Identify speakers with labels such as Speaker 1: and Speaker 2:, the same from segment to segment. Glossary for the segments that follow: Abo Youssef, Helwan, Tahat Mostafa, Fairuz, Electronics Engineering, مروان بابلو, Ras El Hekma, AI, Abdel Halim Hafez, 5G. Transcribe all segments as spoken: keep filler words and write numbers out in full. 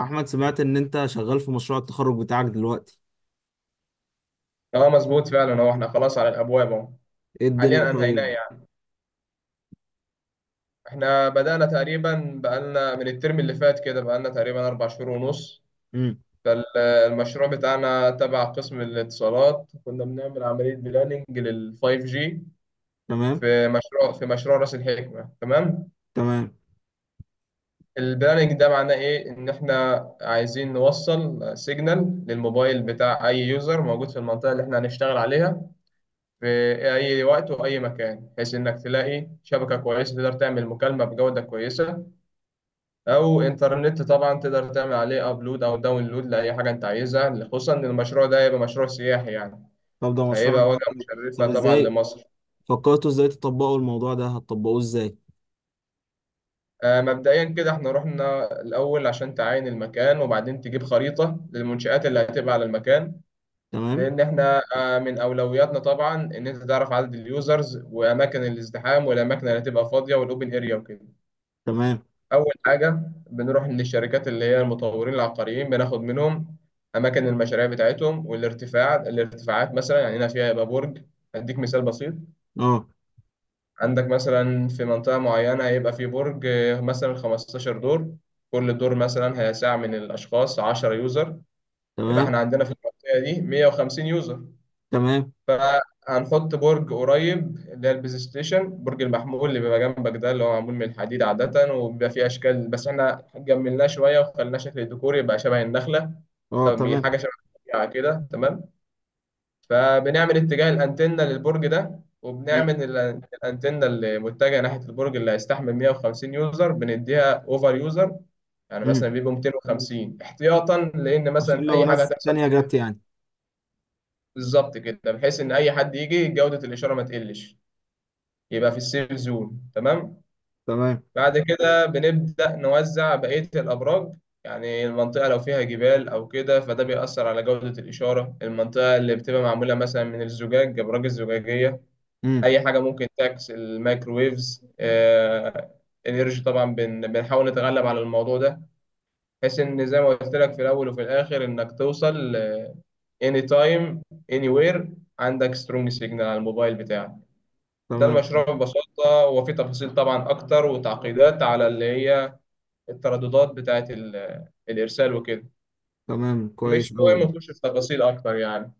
Speaker 1: احمد، سمعت ان انت شغال في مشروع التخرج بتاعك دلوقتي.
Speaker 2: اه مظبوط فعلا. هو احنا خلاص على الابواب اهو،
Speaker 1: ايه الدنيا؟
Speaker 2: حاليا انهيناه
Speaker 1: طيب.
Speaker 2: يعني. احنا بدانا تقريبا بقالنا من الترم اللي فات كده، بقالنا تقريبا اربع شهور ونص.
Speaker 1: امم.
Speaker 2: فالمشروع بتاعنا تبع قسم الاتصالات كنا بنعمل عمليه بلاننج لل 5 جي
Speaker 1: تمام.
Speaker 2: في مشروع في مشروع راس الحكمه. تمام.
Speaker 1: تمام.
Speaker 2: البلاننج ده معناه ايه؟ ان احنا عايزين نوصل سيجنال للموبايل بتاع اي يوزر موجود في المنطقه اللي احنا هنشتغل عليها في أي وقت وأي مكان، بحيث إنك تلاقي شبكة كويسة تقدر تعمل مكالمة بجودة كويسة، أو إنترنت طبعا تقدر تعمل عليه أبلود أو داونلود لأي حاجة أنت عايزها. خصوصا إن المشروع ده هيبقى مشروع سياحي يعني،
Speaker 1: طب ده مشروع.
Speaker 2: هيبقى وجهة
Speaker 1: طب
Speaker 2: مشرفة طبعا
Speaker 1: ازاي
Speaker 2: لمصر.
Speaker 1: فكرتوا ازاي تطبقوا الموضوع ده؟ هتطبقوه ازاي؟
Speaker 2: آه، مبدئيا كده احنا رحنا الأول عشان تعاين المكان وبعدين تجيب خريطة للمنشآت اللي هتبقى على المكان.
Speaker 1: تمام.
Speaker 2: لأن احنا آه، من أولوياتنا طبعا إن أنت تعرف عدد اليوزرز وأماكن الازدحام والأماكن اللي هتبقى فاضية والأوبن أريا وكده.
Speaker 1: تمام.
Speaker 2: أول حاجة بنروح للشركات اللي هي المطورين العقاريين، بناخد منهم أماكن المشاريع بتاعتهم والارتفاع الارتفاعات. مثلا يعني هنا فيها يبقى برج. أديك مثال بسيط:
Speaker 1: اه.
Speaker 2: عندك مثلا في منطقة معينة هيبقى في برج آه، مثلا خمستاشر دور، كل دور مثلا هيسع من الأشخاص عشرة يوزر، يبقى
Speaker 1: تمام.
Speaker 2: إحنا عندنا في المنطقة دي مية وخمسين يوزر.
Speaker 1: تمام.
Speaker 2: فهنحط برج قريب، اللي هي البلاي ستيشن، برج المحمول اللي بيبقى جنبك ده اللي هو معمول من الحديد عادة وبيبقى فيه أشكال، بس إحنا جملناه شوية وخلناه شكل ديكوري يبقى شبه النخلة.
Speaker 1: اه.
Speaker 2: طب
Speaker 1: تمام.
Speaker 2: حاجة شبه الطبيعة كده. تمام. فبنعمل اتجاه الأنتنة للبرج ده،
Speaker 1: امم.
Speaker 2: وبنعمل ال- الأنتنة اللي متجهة ناحية البرج اللي هيستحمل مئة وخمسين يوزر بنديها أوفر يوزر، يعني مثلا
Speaker 1: امم.
Speaker 2: بيبقوا ميتين وخمسين احتياطا، لان
Speaker 1: عشان
Speaker 2: مثلا
Speaker 1: لو
Speaker 2: اي حاجه
Speaker 1: ناس
Speaker 2: هتحصل
Speaker 1: تانية جت
Speaker 2: زياده.
Speaker 1: يعني.
Speaker 2: بالظبط كده، بحيث ان اي حد يجي جوده الاشاره ما تقلش، يبقى في السيف زون. تمام.
Speaker 1: تمام.
Speaker 2: بعد كده بنبدأ نوزع بقية الأبراج. يعني المنطقة لو فيها جبال أو كده فده بيأثر على جودة الإشارة. المنطقة اللي بتبقى معمولة مثلا من الزجاج، أبراج الزجاجية،
Speaker 1: امم.
Speaker 2: أي حاجة ممكن تعكس الميكروويفز آه، الإنرجي، طبعا بن- بنحاول نتغلب على الموضوع ده. بحيث إن زي ما قلت لك في الأول وفي الآخر إنك توصل آه، anytime anywhere عندك سترونج سيجنال على الموبايل بتاعك. ده
Speaker 1: تمام.
Speaker 2: المشروع ببساطة، وفي تفاصيل طبعا أكتر وتعقيدات على اللي هي الترددات بتاعة ال- الإرسال وكده.
Speaker 1: تمام كويس
Speaker 2: مش
Speaker 1: قوي.
Speaker 2: مهم نخش في تفاصيل أكتر يعني.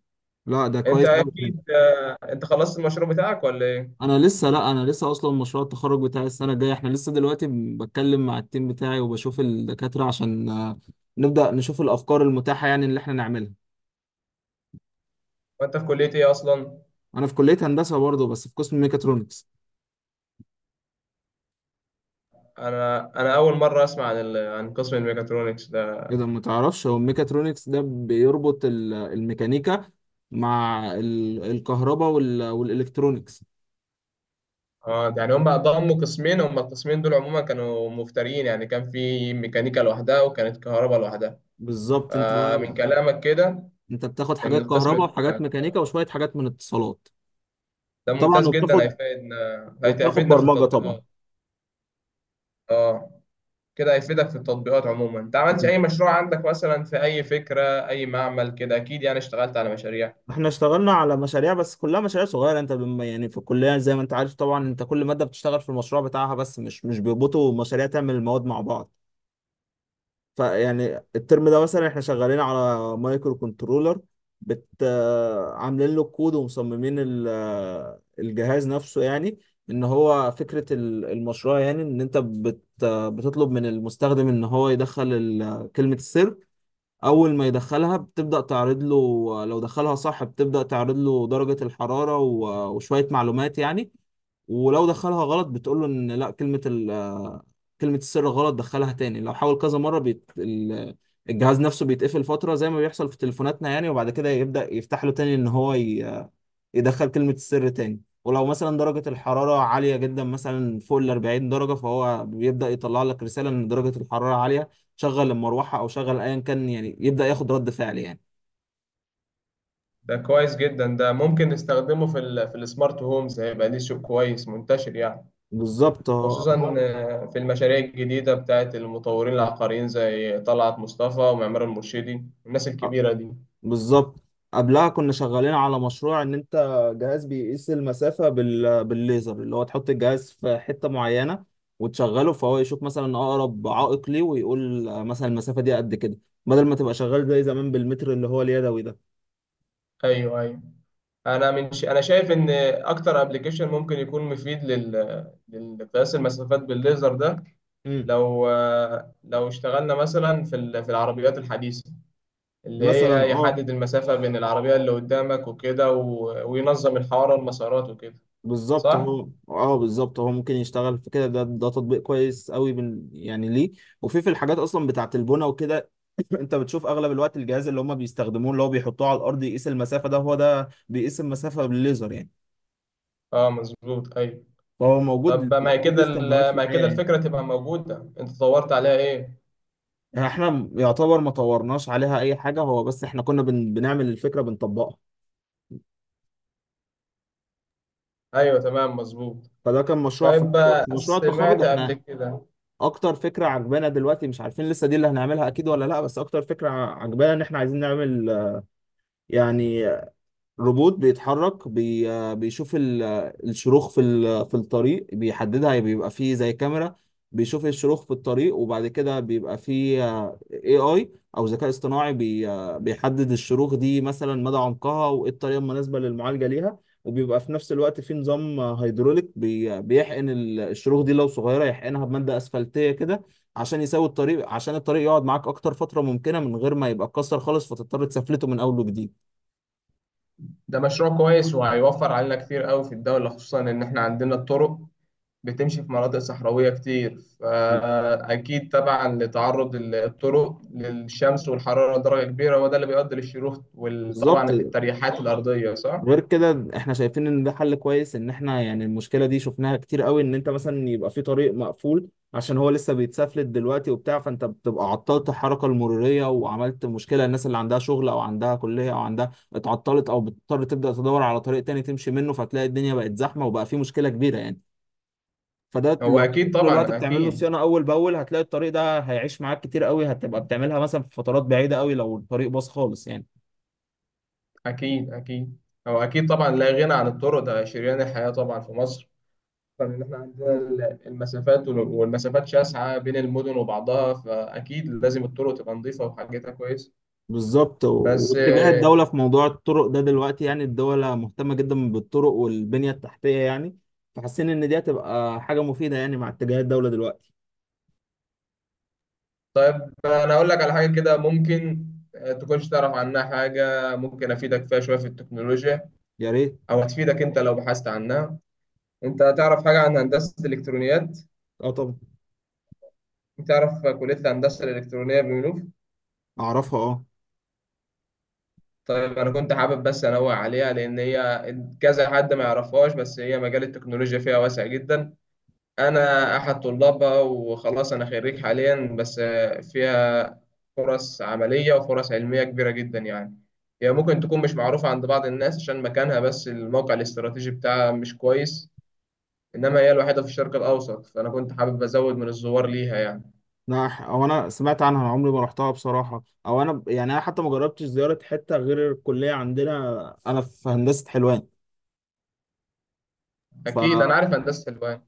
Speaker 1: لا، ده
Speaker 2: أنت
Speaker 1: كويس قوي.
Speaker 2: أكيد آه، أنت خلصت المشروع بتاعك ولا إيه؟
Speaker 1: انا لسه، لا، انا لسه اصلا مشروع التخرج بتاعي السنه الجايه. احنا لسه دلوقتي ب- بتكلم مع التيم بتاعي وبشوف الدكاتره عشان آه، نبدا نشوف الافكار المتاحه يعني اللي احنا نعملها.
Speaker 2: وأنت في كلية إيه أصلا؟
Speaker 1: انا في كليه هندسه برضه بس في قسم ميكاترونكس.
Speaker 2: أنا أنا أول مرة أسمع عن ال... عن قسم الميكاترونكس ده.
Speaker 1: اذا ما تعرفش، هو الميكاترونكس ده بيربط ال- الميكانيكا مع ال- الكهرباء وال- والالكترونكس.
Speaker 2: اه يعني هم ضموا قسمين، هم القسمين دول عموما كانوا مفترين يعني، كان في ميكانيكا لوحدها وكانت كهرباء لوحدها.
Speaker 1: بالظبط. انت
Speaker 2: فمن كلامك كده
Speaker 1: انت بتاخد
Speaker 2: ان
Speaker 1: حاجات كهرباء
Speaker 2: القسم
Speaker 1: وحاجات ميكانيكا وشويه حاجات من اتصالات.
Speaker 2: ده
Speaker 1: طبعا.
Speaker 2: ممتاز جدا،
Speaker 1: وبتاخد
Speaker 2: هيفيدنا
Speaker 1: وبتاخد
Speaker 2: هيفيدنا في
Speaker 1: برمجه طبعا.
Speaker 2: التطبيقات. اه كده هيفيدك في التطبيقات عموما. انت عملت اي مشروع عندك مثلا؟ في اي فكرة، اي معمل كده، اكيد يعني اشتغلت على مشاريع.
Speaker 1: احنا اشتغلنا على مشاريع، بس كلها مشاريع صغيره، انت بم... يعني في الكليه زي ما انت عارف طبعا، انت كل ماده بتشتغل في المشروع بتاعها، بس مش مش بيربطوا مشاريع تعمل المواد مع بعض. فيعني الترم ده مثلا احنا شغالين على مايكرو كنترولر، بت آه، عاملين له الكود ومصممين ال... آه، الجهاز نفسه يعني. ان هو فكره ال- المشروع يعني ان انت بت... آه، بتطلب من المستخدم ان هو يدخل ال... آه، كلمه السر. اول ما يدخلها بتبدأ تعرض له، لو دخلها صح بتبدأ تعرض له درجة الحرارة و- وشوية معلومات يعني. ولو دخلها غلط بتقول له ان لا، كلمة ال كلمة السر غلط، دخلها تاني. لو حاول كذا مرة، بيت ال- الجهاز نفسه بيتقفل فترة زي ما بيحصل في تليفوناتنا يعني، وبعد كده يبدأ يفتح له تاني ان هو ي... يدخل كلمة السر تاني. ولو مثلا درجة الحرارة عالية جدا، مثلا فوق ال اربعين درجة، فهو بيبدأ يطلع لك رسالة إن درجة الحرارة عالية، شغل المروحة أو شغل أيا كان يعني، يبدأ ياخد رد فعل يعني.
Speaker 2: ده كويس جدا، ده ممكن نستخدمه في ال في السمارت هومز، هيبقى ليه سوق كويس منتشر يعني.
Speaker 1: بالظبط. هو هو-
Speaker 2: خصوصا آه، في المشاريع الجديدة بتاعت المطورين العقاريين زي طلعت مصطفى ومعمار المرشدي والناس
Speaker 1: آه،
Speaker 2: الكبيرة دي.
Speaker 1: بالظبط. قبلها كنا شغالين على مشروع إن أنت جهاز بيقيس المسافة بال... بالليزر، اللي هو تحط الجهاز في حتة معينة وتشغله فهو يشوف مثلا أقرب عائق ليه ويقول مثلا المسافة دي قد كده، بدل ما تبقى شغال زي زمان بالمتر اللي هو اليدوي.
Speaker 2: ايوه، ايوه. انا من ش... انا شايف ان اكتر ابلكيشن ممكن يكون مفيد لل... لقياس المسافات بالليزر ده،
Speaker 1: ده
Speaker 2: لو لو اشتغلنا مثلا في ال... في العربيات الحديثه اللي
Speaker 1: مثلا
Speaker 2: هي
Speaker 1: اه.
Speaker 2: يحدد المسافه بين العربيه اللي قدامك وكده، و... وينظم الحوار والمسارات وكده.
Speaker 1: بالظبط
Speaker 2: صح.
Speaker 1: هو اه بالظبط هو ممكن يشتغل في كده، ده ده تطبيق كويس قوي بال... يعني ليه. وفي في الحاجات اصلا بتاعه البنى وكده انت بتشوف اغلب الوقت الجهاز اللي هم بيستخدموه اللي هو بيحطوه على الارض يقيس المسافه ده، هو ده بيقيس المسافه بالليزر يعني.
Speaker 2: اه مظبوط ايوه.
Speaker 1: فهو موجود.
Speaker 2: طب ما هي
Speaker 1: موجود ليه
Speaker 2: كده
Speaker 1: استخدامات
Speaker 2: ال...
Speaker 1: في
Speaker 2: ما هي
Speaker 1: الحياه
Speaker 2: كده
Speaker 1: يعني.
Speaker 2: الفكره تبقى موجوده، انت دورت عليها ايه؟
Speaker 1: احنا يعتبر ما طورناش عليها اي حاجه هو، بس احنا كنا بن... بنعمل الفكره بنطبقها.
Speaker 2: ايوه تمام مظبوط.
Speaker 1: فده كان مشروع في
Speaker 2: طيب،
Speaker 1: في مشروع التخرج
Speaker 2: سمعت قبل
Speaker 1: احنا.
Speaker 2: كده.
Speaker 1: اكتر فكره عجبانا دلوقتي، مش عارفين لسه دي اللي هنعملها اكيد ولا لا، بس اكتر فكره عجبانا ان احنا عايزين نعمل آه، يعني روبوت بيتحرك بي... آه، بيشوف ال... آه، الشروخ في ال... في الطريق، بيحددها، بيبقى فيه زي كاميرا بيشوف الشروخ في الطريق، وبعد كده بيبقى فيه اي اي او ذكاء اصطناعي بي... آه، بيحدد الشروخ دي، مثلا مدى عمقها وايه الطريقة المناسبة للمعالجة ليها. وبيبقى في نفس الوقت في نظام آه، هيدروليك بي... آه، بيحقن ال- الشروخ دي، لو صغيرة يحقنها بمادة اسفلتية كده عشان يساوي الطريق، عشان الطريق يقعد معاك اكتر فترة ممكنة من غير ما يبقى اتكسر خالص فتضطر تسفلته من اول وجديد.
Speaker 2: ده مشروع كويس، وهيوفر علينا كتير قوي في الدولة. خصوصا إن إحنا عندنا الطرق بتمشي في مناطق صحراوية كتير، فأكيد طبعا لتعرض الطرق للشمس والحرارة درجة كبيرة هو ده اللي بيؤدي للشروخ،
Speaker 1: بالظبط.
Speaker 2: وطبعا التريحات الأرضية، صح؟
Speaker 1: غير كده احنا شايفين ان ده حل كويس، ان احنا يعني المشكله دي شفناها كتير قوي، ان انت مثلا يبقى في طريق مقفول عشان هو لسه بيتسفلت دلوقتي وبتاع، فانت بتبقى عطلت الحركه المروريه وعملت مشكله، الناس اللي عندها شغل او عندها كليه او عندها اتعطلت او بتضطر تبدا تدور على طريق تاني تمشي منه فتلاقي الدنيا بقت زحمه وبقى في مشكله كبيره يعني. فده
Speaker 2: هو
Speaker 1: لو
Speaker 2: أكيد
Speaker 1: طول الوقت
Speaker 2: طبعا،
Speaker 1: بتعمل له
Speaker 2: أكيد،
Speaker 1: صيانه اول باول هتلاقي الطريق ده هيعيش معاك كتير قوي، هتبقى بتعملها مثلا في فترات بعيده قوي لو الطريق باظ خالص يعني.
Speaker 2: أكيد، أكيد. هو أكيد طبعا، لا غنى عن الطرق، ده شريان الحياة طبعا في مصر. طبعاً إن إحنا عندنا ال- المسافات وال- والمسافات شاسعة بين المدن وبعضها، فأكيد لازم الطرق تبقى نظيفة وحاجتها كويس.
Speaker 1: بالظبط. و-
Speaker 2: بس
Speaker 1: واتجاه الدولة في موضوع الطرق ده دلوقتي، يعني الدولة مهتمة جدا بالطرق والبنية التحتية يعني. فحاسين إن دي هتبقى حاجة مفيدة يعني مع اتجاه الدولة دلوقتي.
Speaker 2: انا اقول لك على حاجه كده، ممكن آه، تكونش تعرف عنها حاجه، ممكن افيدك فيها شويه في التكنولوجيا
Speaker 1: يا ريت.
Speaker 2: او هتفيدك انت لو بحثت عنها. انت تعرف حاجه عن هندسه الالكترونيات؟
Speaker 1: اه طبعا.
Speaker 2: تعرف كليه الهندسه الالكترونيه بمنوف؟
Speaker 1: أعرفها اه.
Speaker 2: طيب انا كنت حابب بس انوه عليها، لان هي كذا حد ما يعرفهاش، بس هي مجال التكنولوجيا فيها واسع جدا. انا احد طلابها وخلاص، انا خريج حاليا. بس آه، فيها فرص عمليه وفرص علميه كبيره جدا يعني. هي ممكن تكون مش معروفه عند بعض الناس عشان مكانها، بس الموقع الاستراتيجي بتاعها مش كويس. انما هي الوحيده في الشرق الاوسط، فانا كنت حابب ازود من الزوار ليها يعني.
Speaker 1: أنا ح- أو أنا سمعت عنها، أنا عمري ما رحتها بصراحة. أو أنا ب- يعني أنا حتى ما جربتش زيارة حتة غير الكلية عندنا، أنا في هندسة حلوان.
Speaker 2: اكيد انا عارف هندسه الوان.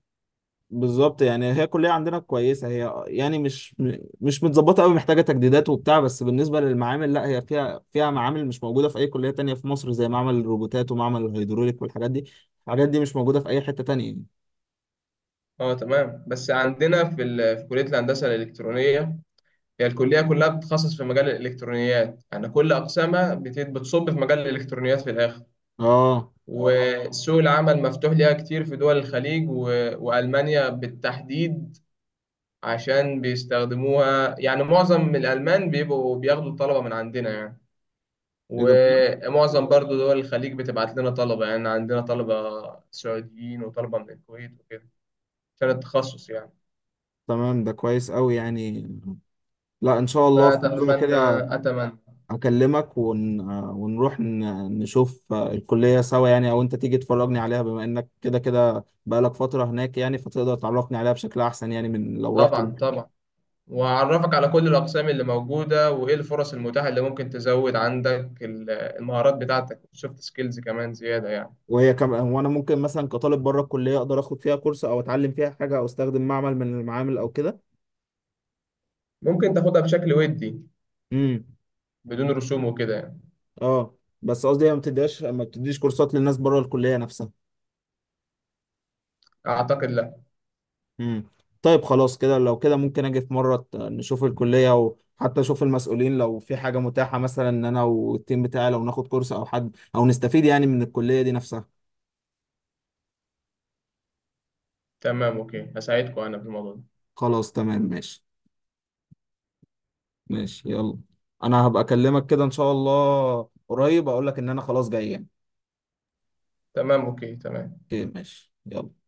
Speaker 1: بالظبط، يعني هي الكلية عندنا كويسة، هي يعني مش مش متظبطة قوي، محتاجة تجديدات وبتاع، بس بالنسبة للمعامل لا، هي فيها فيها معامل مش موجودة في أي كلية تانية في مصر، زي معمل الروبوتات ومعمل الهيدروليك والحاجات دي. الحاجات دي مش موجودة في أي حتة تانية يعني.
Speaker 2: اه تمام. بس عندنا في ال... في كليه الهندسه الالكترونيه، هي الكليه كلها بتتخصص في مجال الالكترونيات يعني، كل اقسامها بت... بتصب في مجال الالكترونيات في الاخر.
Speaker 1: اه.
Speaker 2: وسوق العمل مفتوح ليها كتير في دول الخليج و- وألمانيا بالتحديد، عشان بيستخدموها يعني. معظم الألمان بيبقوا بياخدوا الطلبة من عندنا يعني،
Speaker 1: ايه ده بجد؟
Speaker 2: ومعظم برضو دول الخليج بتبعت لنا طلبة. يعني عندنا طلبة سعوديين وطلبة من الكويت وكده، عشان التخصص يعني.
Speaker 1: تمام، ده كويس قوي يعني. لا، ان شاء الله في مرة كده
Speaker 2: فأتمنى أتمنى
Speaker 1: اكلمك ون... ونروح ن- نشوف الكلية سوا يعني، او انت تيجي تفرجني عليها بما انك كده كده بقالك فترة هناك يعني، فتقدر تعرفني عليها بشكل احسن يعني من لو رحت.
Speaker 2: طبعا، طبعا. وأعرفك على كل الأقسام اللي موجودة وإيه الفرص المتاحة اللي ممكن تزود عندك ال- المهارات بتاعتك، السوفت سكيلز كمان زيادة يعني.
Speaker 1: وهي كم، وانا ممكن مثلا كطالب بره الكليه اقدر اخد فيها كورس او اتعلم فيها حاجه او استخدم معمل من المعامل او كده.
Speaker 2: ممكن تاخدها بشكل ودي
Speaker 1: امم.
Speaker 2: بدون رسوم وكده يعني.
Speaker 1: اه، بس قصدي هي ما بتديهاش، ما بتديش كورسات للناس بره الكليه نفسها.
Speaker 2: اعتقد لا.
Speaker 1: امم. طيب، خلاص كده، لو كده ممكن اجي في مره ت- نشوف الكليه، وحتى اشوف المسؤولين لو في حاجه متاحه، مثلا ان انا والتيم بتاعي لو ناخد كورس او حد او نستفيد يعني من الكليه دي نفسها.
Speaker 2: تمام اوكي، هساعدكم انا في الموضوع ده.
Speaker 1: خلاص تمام ماشي. ماشي. يلا. انا هبقى اكلمك كده ان شاء الله قريب، اقول لك ان انا خلاص جاي يعني.
Speaker 2: تمام اوكي تمام.
Speaker 1: اوكي ماشي يلا.